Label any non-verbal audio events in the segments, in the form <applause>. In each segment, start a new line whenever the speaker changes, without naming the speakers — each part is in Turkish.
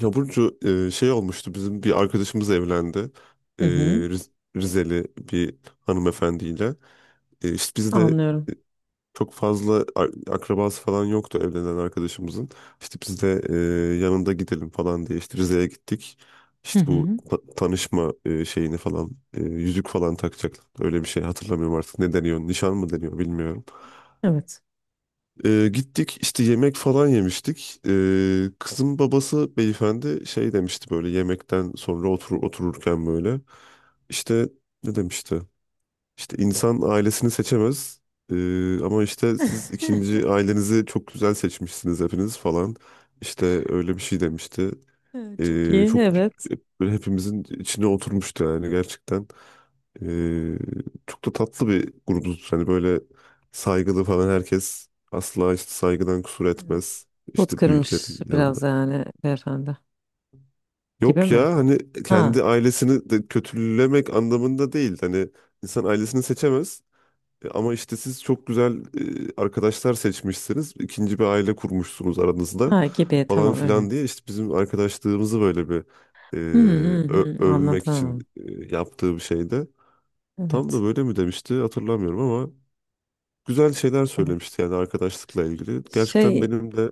Ya Burcu, şey olmuştu bizim bir arkadaşımız evlendi.
Hı
E,
hı.
Riz- Rizeli bir hanımefendiyle. İşte biz de
Anlıyorum.
e, çok fazla akrabası falan yoktu evlenen arkadaşımızın. İşte biz de yanında gidelim falan diye işte Rize'ye gittik.
Hı
İşte bu
hı.
tanışma şeyini falan yüzük falan takacaklar. Öyle bir şey hatırlamıyorum artık. Ne deniyor? Nişan mı deniyor bilmiyorum.
Evet.
Gittik işte yemek falan yemiştik. Kızın babası beyefendi şey demişti, böyle yemekten sonra otururken böyle. İşte ne demişti? İşte insan ailesini seçemez. Ama işte siz
<laughs>
ikinci ailenizi çok güzel seçmişsiniz hepiniz falan. İşte öyle bir şey demişti.
Çok iyi.
Çok
Evet.
böyle hepimizin içine oturmuştu yani gerçekten. Ee, Çok da tatlı bir grubuz. Hani böyle saygılı falan, herkes asla işte saygıdan kusur
Evet.
etmez.
Pot
İşte büyüklerin
kırmış
yanında.
biraz yani beyefendi. Gibi
Yok
mi?
ya, hani
Ha.
kendi ailesini de kötülemek anlamında değil. Hani insan ailesini seçemez. Ama işte siz çok güzel arkadaşlar seçmişsiniz. İkinci bir aile kurmuşsunuz aranızda
Ha gibi.
falan
Tamam
filan
evet.
diye işte bizim arkadaşlığımızı böyle bir e,
Hı hı hı.
övmek için
Anladım.
yaptığı bir şeydi. Tam da
Evet.
böyle mi demişti hatırlamıyorum ama güzel şeyler
Evet.
söylemişti yani arkadaşlıkla ilgili. Gerçekten
Şey
benim de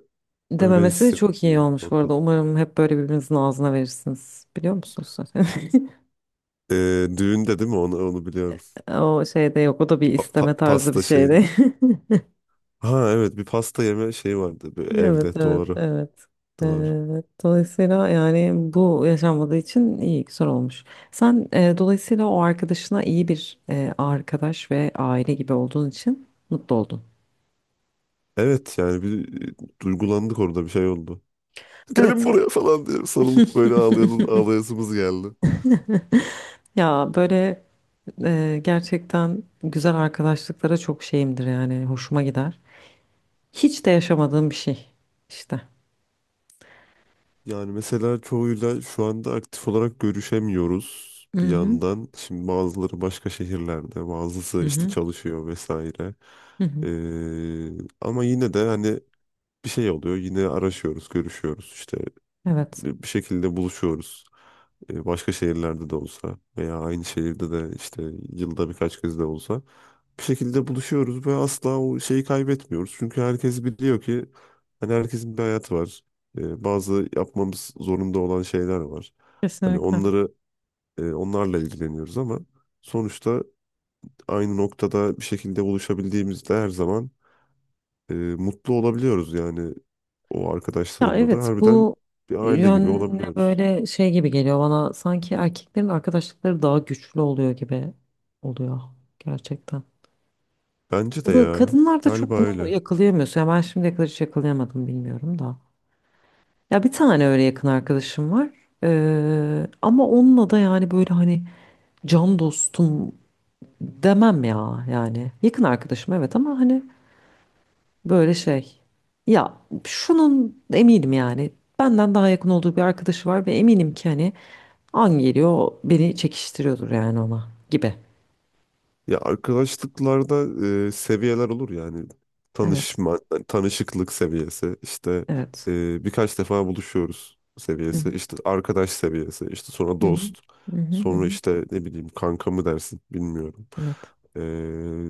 öyle
dememesi çok iyi
hissettiğim bir
olmuş bu
noktada.
arada. Umarım hep böyle birbirinizin ağzına verirsiniz. Biliyor musunuz zaten? <laughs>
Düğünde değil mi? Onu biliyorum.
O şeyde yok. O da bir isteme tarzı bir
Pasta
şeydi.
şeyin.
<laughs>
Ha, evet, bir pasta yeme şeyi vardı bir
Evet,
evde,
evet,
doğru.
evet.
Doğru.
Dolayısıyla yani bu yaşanmadığı için iyi, güzel olmuş. Sen dolayısıyla o arkadaşına iyi bir arkadaş ve aile gibi olduğun için mutlu oldun.
Evet, yani bir duygulandık orada, bir şey oldu. Gelin
Evet.
buraya falan diye sarılıp
<laughs>
böyle ağlayalım, ağlayasımız geldi.
Ya böyle gerçekten güzel arkadaşlıklara çok şeyimdir yani hoşuma gider. Hiç de yaşamadığım bir şey işte.
Yani mesela çoğuyla şu anda aktif olarak görüşemiyoruz
Hı
bir
hı.
yandan. Şimdi bazıları başka şehirlerde, bazısı
Hı
işte
hı.
çalışıyor vesaire.
Hı hı.
Ama yine de hani bir şey oluyor. Yine araşıyoruz, görüşüyoruz. İşte
Evet.
bir şekilde buluşuyoruz. Başka şehirlerde de olsa veya aynı şehirde de işte yılda birkaç kez de olsa bir şekilde buluşuyoruz ve asla o şeyi kaybetmiyoruz. Çünkü herkes biliyor ki hani herkesin bir hayatı var. Bazı yapmamız zorunda olan şeyler var. Hani
Kesinlikle.
onları onlarla ilgileniyoruz ama sonuçta aynı noktada bir şekilde buluşabildiğimizde her zaman mutlu olabiliyoruz. Yani o
Ya
arkadaşlarımla da
evet
harbiden
bu
bir aile gibi
yönüne
olabiliyoruz.
böyle şey gibi geliyor bana sanki erkeklerin arkadaşlıkları daha güçlü oluyor gibi oluyor gerçekten.
Bence de ya,
Kadınlar da
galiba
çok bunu
öyle.
yakalayamıyorsun. Ya ben şimdiye kadar hiç yakalayamadım bilmiyorum da. Ya bir tane öyle yakın arkadaşım var. Ama onunla da yani böyle hani can dostum demem ya yani. Yakın arkadaşım evet ama hani böyle şey. Ya şunun eminim yani benden daha yakın olduğu bir arkadaşı var ve eminim ki hani an geliyor o beni çekiştiriyordur yani ona gibi.
Ya arkadaşlıklarda seviyeler olur, yani
Evet,
tanışma, yani tanışıklık seviyesi, işte
evet.
birkaç defa buluşuyoruz
Hı hı,
seviyesi, işte arkadaş seviyesi, işte sonra
hı hı,
dost,
hı hı, hı
sonra
hı.
işte ne bileyim kanka mı dersin bilmiyorum.
Evet.
E,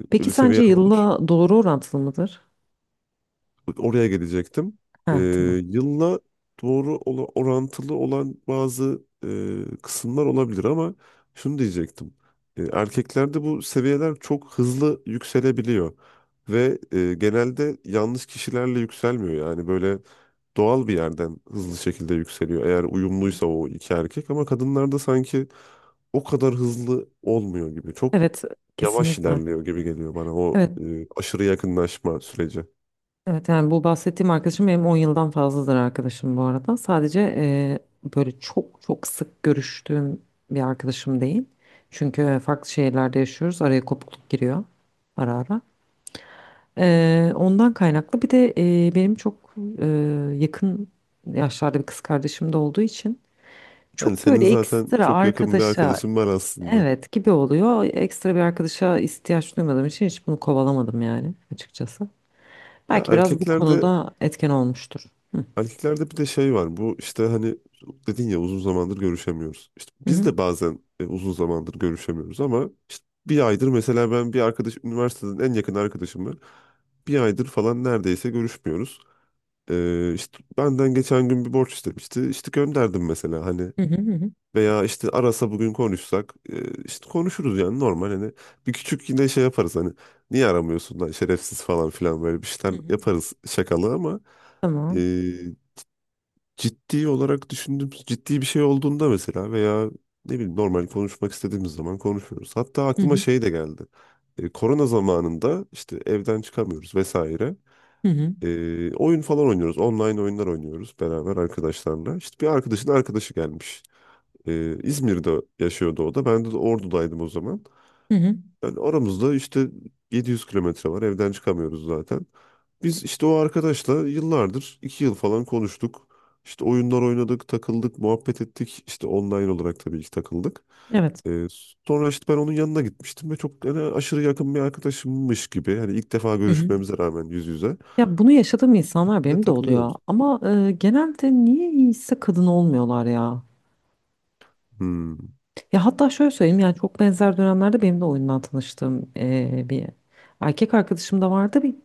Peki
Öyle
sence
seviyeler olur.
yılla doğru orantılı mıdır?
Oraya gelecektim. Ee,
Ha, tamam.
Yılla doğru orantılı olan bazı kısımlar olabilir ama şunu diyecektim. Erkeklerde bu seviyeler çok hızlı yükselebiliyor ve genelde yanlış kişilerle yükselmiyor. Yani böyle doğal bir yerden hızlı şekilde yükseliyor eğer
Hı hı.
uyumluysa o iki erkek, ama kadınlarda sanki o kadar hızlı olmuyor gibi. Çok
Evet,
yavaş
kesinlikle.
ilerliyor gibi geliyor bana o
Evet,
aşırı yakınlaşma süreci.
evet yani bu bahsettiğim arkadaşım benim 10 yıldan fazladır arkadaşım bu arada. Sadece böyle çok çok sık görüştüğüm bir arkadaşım değil. Çünkü farklı şehirlerde yaşıyoruz. Araya kopukluk giriyor ara ara. Ondan kaynaklı. Bir de benim çok yakın yaşlarda bir kız kardeşim de olduğu için
Hani
çok
senin
böyle
zaten
ekstra
çok yakın bir
arkadaşa
arkadaşın var aslında.
evet gibi oluyor. Ekstra bir arkadaşa ihtiyaç duymadığım için hiç bunu kovalamadım yani açıkçası.
Ya,
Belki biraz bu
erkeklerde
konuda etken olmuştur. Hı.
erkeklerde bir de şey var. Bu işte hani dedin ya, uzun zamandır görüşemiyoruz. İşte
Hı
biz
hı.
de bazen uzun zamandır görüşemiyoruz ama işte bir aydır mesela, ben bir arkadaş, üniversiteden en yakın arkadaşımla bir aydır falan neredeyse görüşmüyoruz. İşte benden geçen gün bir borç istemişti. İşte gönderdim mesela, hani.
Hı hı hı. Hı.
Veya işte arasa bugün konuşsak işte konuşuruz yani, normal hani. Bir küçük yine şey yaparız, hani niye aramıyorsun lan şerefsiz falan filan, böyle bir
Hı
şeyler
hı.
yaparız, şakalı ama e,
Tamam.
ciddi olarak düşündüğüm ciddi bir şey olduğunda mesela, veya ne bileyim normal konuşmak istediğimiz zaman konuşuyoruz. Hatta
Hı
aklıma
hı
şey de geldi. Korona zamanında işte evden çıkamıyoruz vesaire.
hı hı.
Oyun falan oynuyoruz. Online oyunlar oynuyoruz beraber arkadaşlarla. İşte bir arkadaşın arkadaşı gelmiş. İzmir'de yaşıyordu o da. Ben de Ordu'daydım o zaman.
Hı hı.
Yani aramızda işte 700 kilometre var. Evden çıkamıyoruz zaten. Biz işte o arkadaşla yıllardır, 2 yıl falan konuştuk. İşte oyunlar oynadık, takıldık, muhabbet ettik. İşte online olarak tabii ki takıldık.
Evet.
Ee, Sonra işte ben onun yanına gitmiştim ve çok hani aşırı yakın bir arkadaşımmış gibi. Hani ilk defa
Hı hı.
görüşmemize rağmen yüz yüze.
Ya bunu yaşadığım insanlar
De
benim de oluyor.
takılıyoruz.
Ama genelde niye iyiyse kadın olmuyorlar ya.
Hmm.
Ya hatta şöyle söyleyeyim yani çok benzer dönemlerde benim de oyundan tanıştığım bir erkek arkadaşım da vardı bir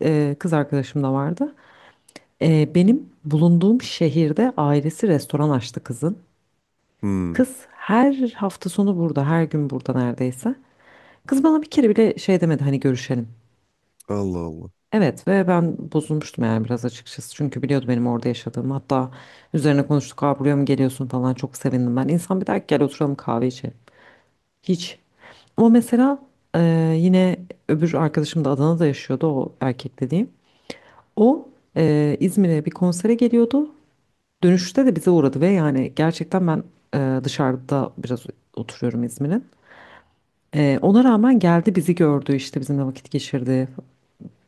kız arkadaşım da vardı. Benim bulunduğum şehirde ailesi restoran açtı kızın.
Hmm.
Kız her hafta sonu burada her gün burada neredeyse. Kız bana bir kere bile şey demedi hani görüşelim.
Allah Allah.
Evet ve ben bozulmuştum yani biraz açıkçası. Çünkü biliyordu benim orada yaşadığımı. Hatta üzerine konuştuk. Aa buraya mı geliyorsun falan çok sevindim ben. İnsan bir der ki gel oturalım kahve içelim. Hiç. O mesela eee, yine öbür arkadaşım da Adana'da yaşıyordu o erkek dediğim. O İzmir'e bir konsere geliyordu. Dönüşte de bize uğradı ve yani gerçekten ben dışarıda biraz oturuyorum İzmir'in. Ona rağmen geldi bizi gördü işte bizimle vakit geçirdi.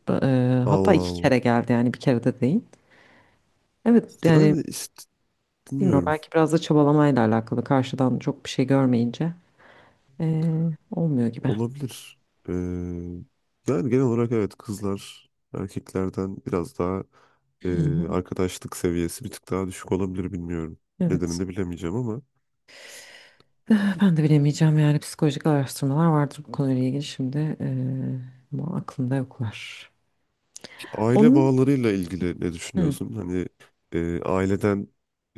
Hatta
Allah
iki
Allah.
kere geldi yani bir kere de değil. Evet yani
Yani işte
bilmiyorum
bilmiyorum.
belki biraz da çabalamayla alakalı karşıdan çok bir şey görmeyince olmuyor gibi.
Olabilir. Ee, Yani genel olarak evet, kızlar erkeklerden biraz daha
Hı hı.
arkadaşlık seviyesi bir tık daha düşük olabilir, bilmiyorum. Nedenini
Evet.
de bilemeyeceğim ama
Eh, ben de bilemeyeceğim yani psikolojik araştırmalar vardır bu konuyla ilgili şimdi ama aklımda yoklar.
aile
Onun
bağlarıyla ilgili ne
hı
düşünüyorsun? Hani aileden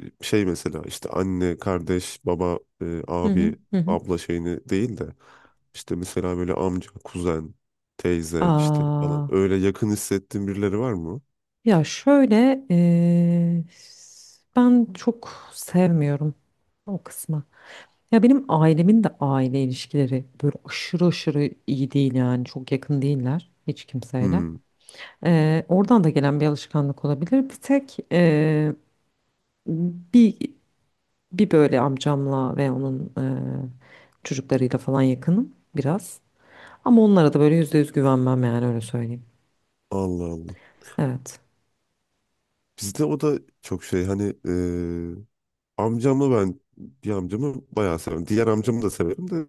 şey mesela işte anne, kardeş, baba,
hı hı
abi,
hı. Hı.
abla şeyini değil de işte mesela böyle amca, kuzen, teyze işte
Aa,
falan, öyle yakın hissettiğin birileri var mı?
ya şöyle ben çok sevmiyorum o kısmı. Ya benim ailemin de aile ilişkileri böyle aşırı aşırı iyi değil yani çok yakın değiller hiç kimseyle.
Hmm.
Oradan da gelen bir alışkanlık olabilir. Bir tek bir bir böyle amcamla ve onun çocuklarıyla falan yakınım biraz. Ama onlara da böyle %100 güvenmem yani öyle söyleyeyim.
Allah Allah.
Evet.
Bizde o da çok şey, hani amcamla, ben bir amcamı bayağı severim. Diğer amcamı da severim de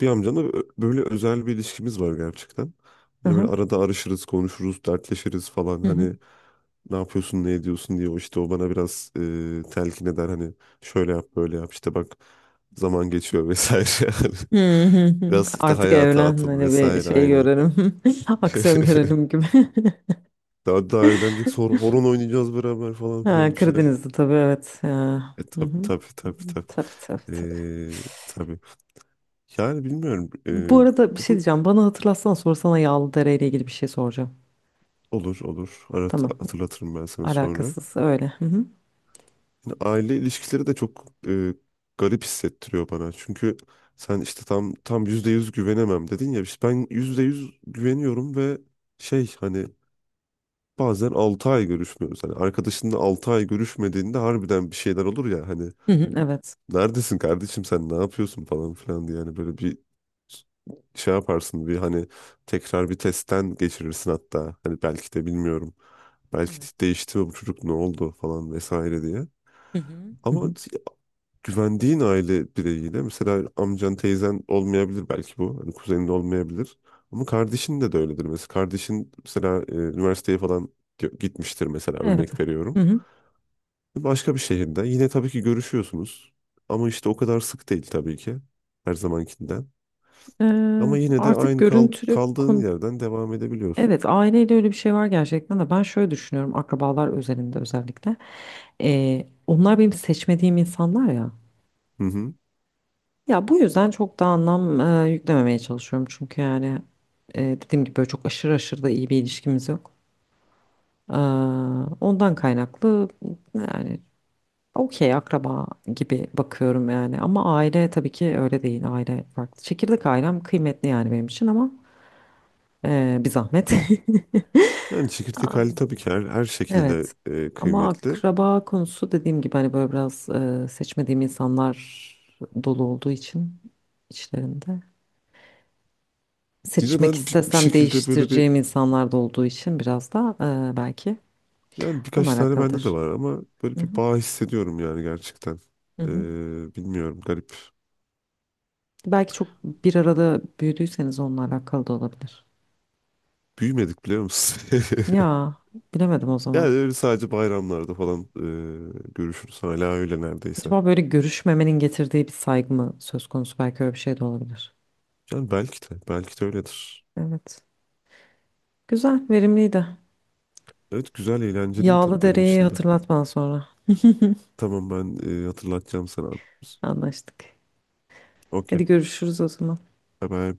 bir amcamla böyle özel bir ilişkimiz var gerçekten.
Hı
Hani böyle
hı.
arada arışırız, konuşuruz, dertleşiriz falan,
Hı hı.
hani
<laughs>
ne yapıyorsun, ne ediyorsun diye. O işte o bana biraz telkin eder, hani şöyle yap, böyle yap, işte bak zaman geçiyor vesaire. <laughs> Yani
Hı hı hı.
biraz işte
Artık
hayata
evlen
atıl
hani bir
vesaire,
şey
aynen.
görelim. <laughs>
<laughs>
Aksiyon görelim gibi. <laughs>
Daha evlenecek, sonra horon oynayacağız beraber falan
Ha,
filan bir şeyler.
Karadeniz'de tabii evet. Ya. Hı
Tabii,
hı.
tabii, tabii, tabii.
Tabii tabii tabii.
Tabii. Yani bilmiyorum.
Bu arada bir
O
şey
da
diyeceğim. Bana hatırlatsana sonra sana Yağlıdere ile ilgili bir şey soracağım.
olur, olur. Arat,
Tamam.
hatırlatırım ben sana sonra.
Alakasız öyle. Hı hı.
Yani aile ilişkileri de çok garip hissettiriyor bana. Çünkü sen işte tam %100 güvenemem dedin ya. İşte ben %100 güveniyorum ve şey, hani bazen 6 ay görüşmüyoruz. Hani arkadaşınla 6 ay görüşmediğinde harbiden bir şeyler olur ya, hani
Hı hı. Evet.
neredesin kardeşim, sen ne yapıyorsun falan filan diye yani, böyle bir şey yaparsın, bir hani tekrar bir testten geçirirsin hatta. Hani belki de, bilmiyorum. Belki de
Evet.
değişti mi bu çocuk, ne oldu falan vesaire diye.
Hı hı. Hı
Ama
hı.
güvendiğin aile bireyiyle mesela amcan, teyzen olmayabilir belki bu. Hani kuzenin de olmayabilir. Ama kardeşin de de öyledir. Mesela kardeşin mesela üniversiteye falan gitmiştir mesela,
Evet.
örnek
Hı
veriyorum.
hı.
Başka bir şehirde yine tabii ki görüşüyorsunuz. Ama işte o kadar sık değil tabii ki her zamankinden. Ama
Ee,
yine de
artık
aynı
görüntülü
kaldığın
kon,
yerden devam edebiliyorsun.
Evet aileyle öyle bir şey var gerçekten de ben şöyle düşünüyorum akrabalar özelinde özellikle. Onlar benim seçmediğim insanlar ya.
Hı hı.
Ya bu yüzden çok da anlam yüklememeye çalışıyorum. Çünkü yani dediğim gibi böyle çok aşırı aşırı da iyi bir ilişkimiz yok. Ee, ondan kaynaklı yani okey akraba gibi bakıyorum yani. Ama aile tabii ki öyle değil aile farklı. Çekirdek ailem kıymetli yani benim için ama bir zahmet.
Yani
<laughs>
çekirdek hali
Aa.
tabii ki her şekilde
Evet. Ama
kıymetli.
akraba konusu dediğim gibi hani böyle biraz seçmediğim insanlar dolu olduğu için içlerinde.
Bir de
Seçmek
ben bir
istesem
şekilde böyle bir,
değiştireceğim insanlar da olduğu için biraz da belki
yani
onunla
birkaç tane bende de
alakalıdır.
var ama böyle
Hı
bir
hı,
bağ hissediyorum yani gerçekten.
hı hı.
Bilmiyorum, garip.
Belki çok bir arada büyüdüyseniz onunla alakalı da olabilir.
Büyümedik biliyor musun? <laughs>
Ya bilemedim o
Yani
zaman.
öyle sadece bayramlarda falan görüşürüz. Hala öyle neredeyse.
Acaba böyle görüşmemenin getirdiği bir saygı mı söz konusu? Belki öyle bir şey de olabilir.
Yani belki de öyledir.
Evet. Güzel, verimliydi.
Evet, güzel, eğlenceliydi
Yağlı
benim
dereyi
için de.
hatırlat bana sonra.
Tamam, ben hatırlatacağım sana.
Anlaştık.
Okey.
Hadi görüşürüz o zaman.
Bye bye.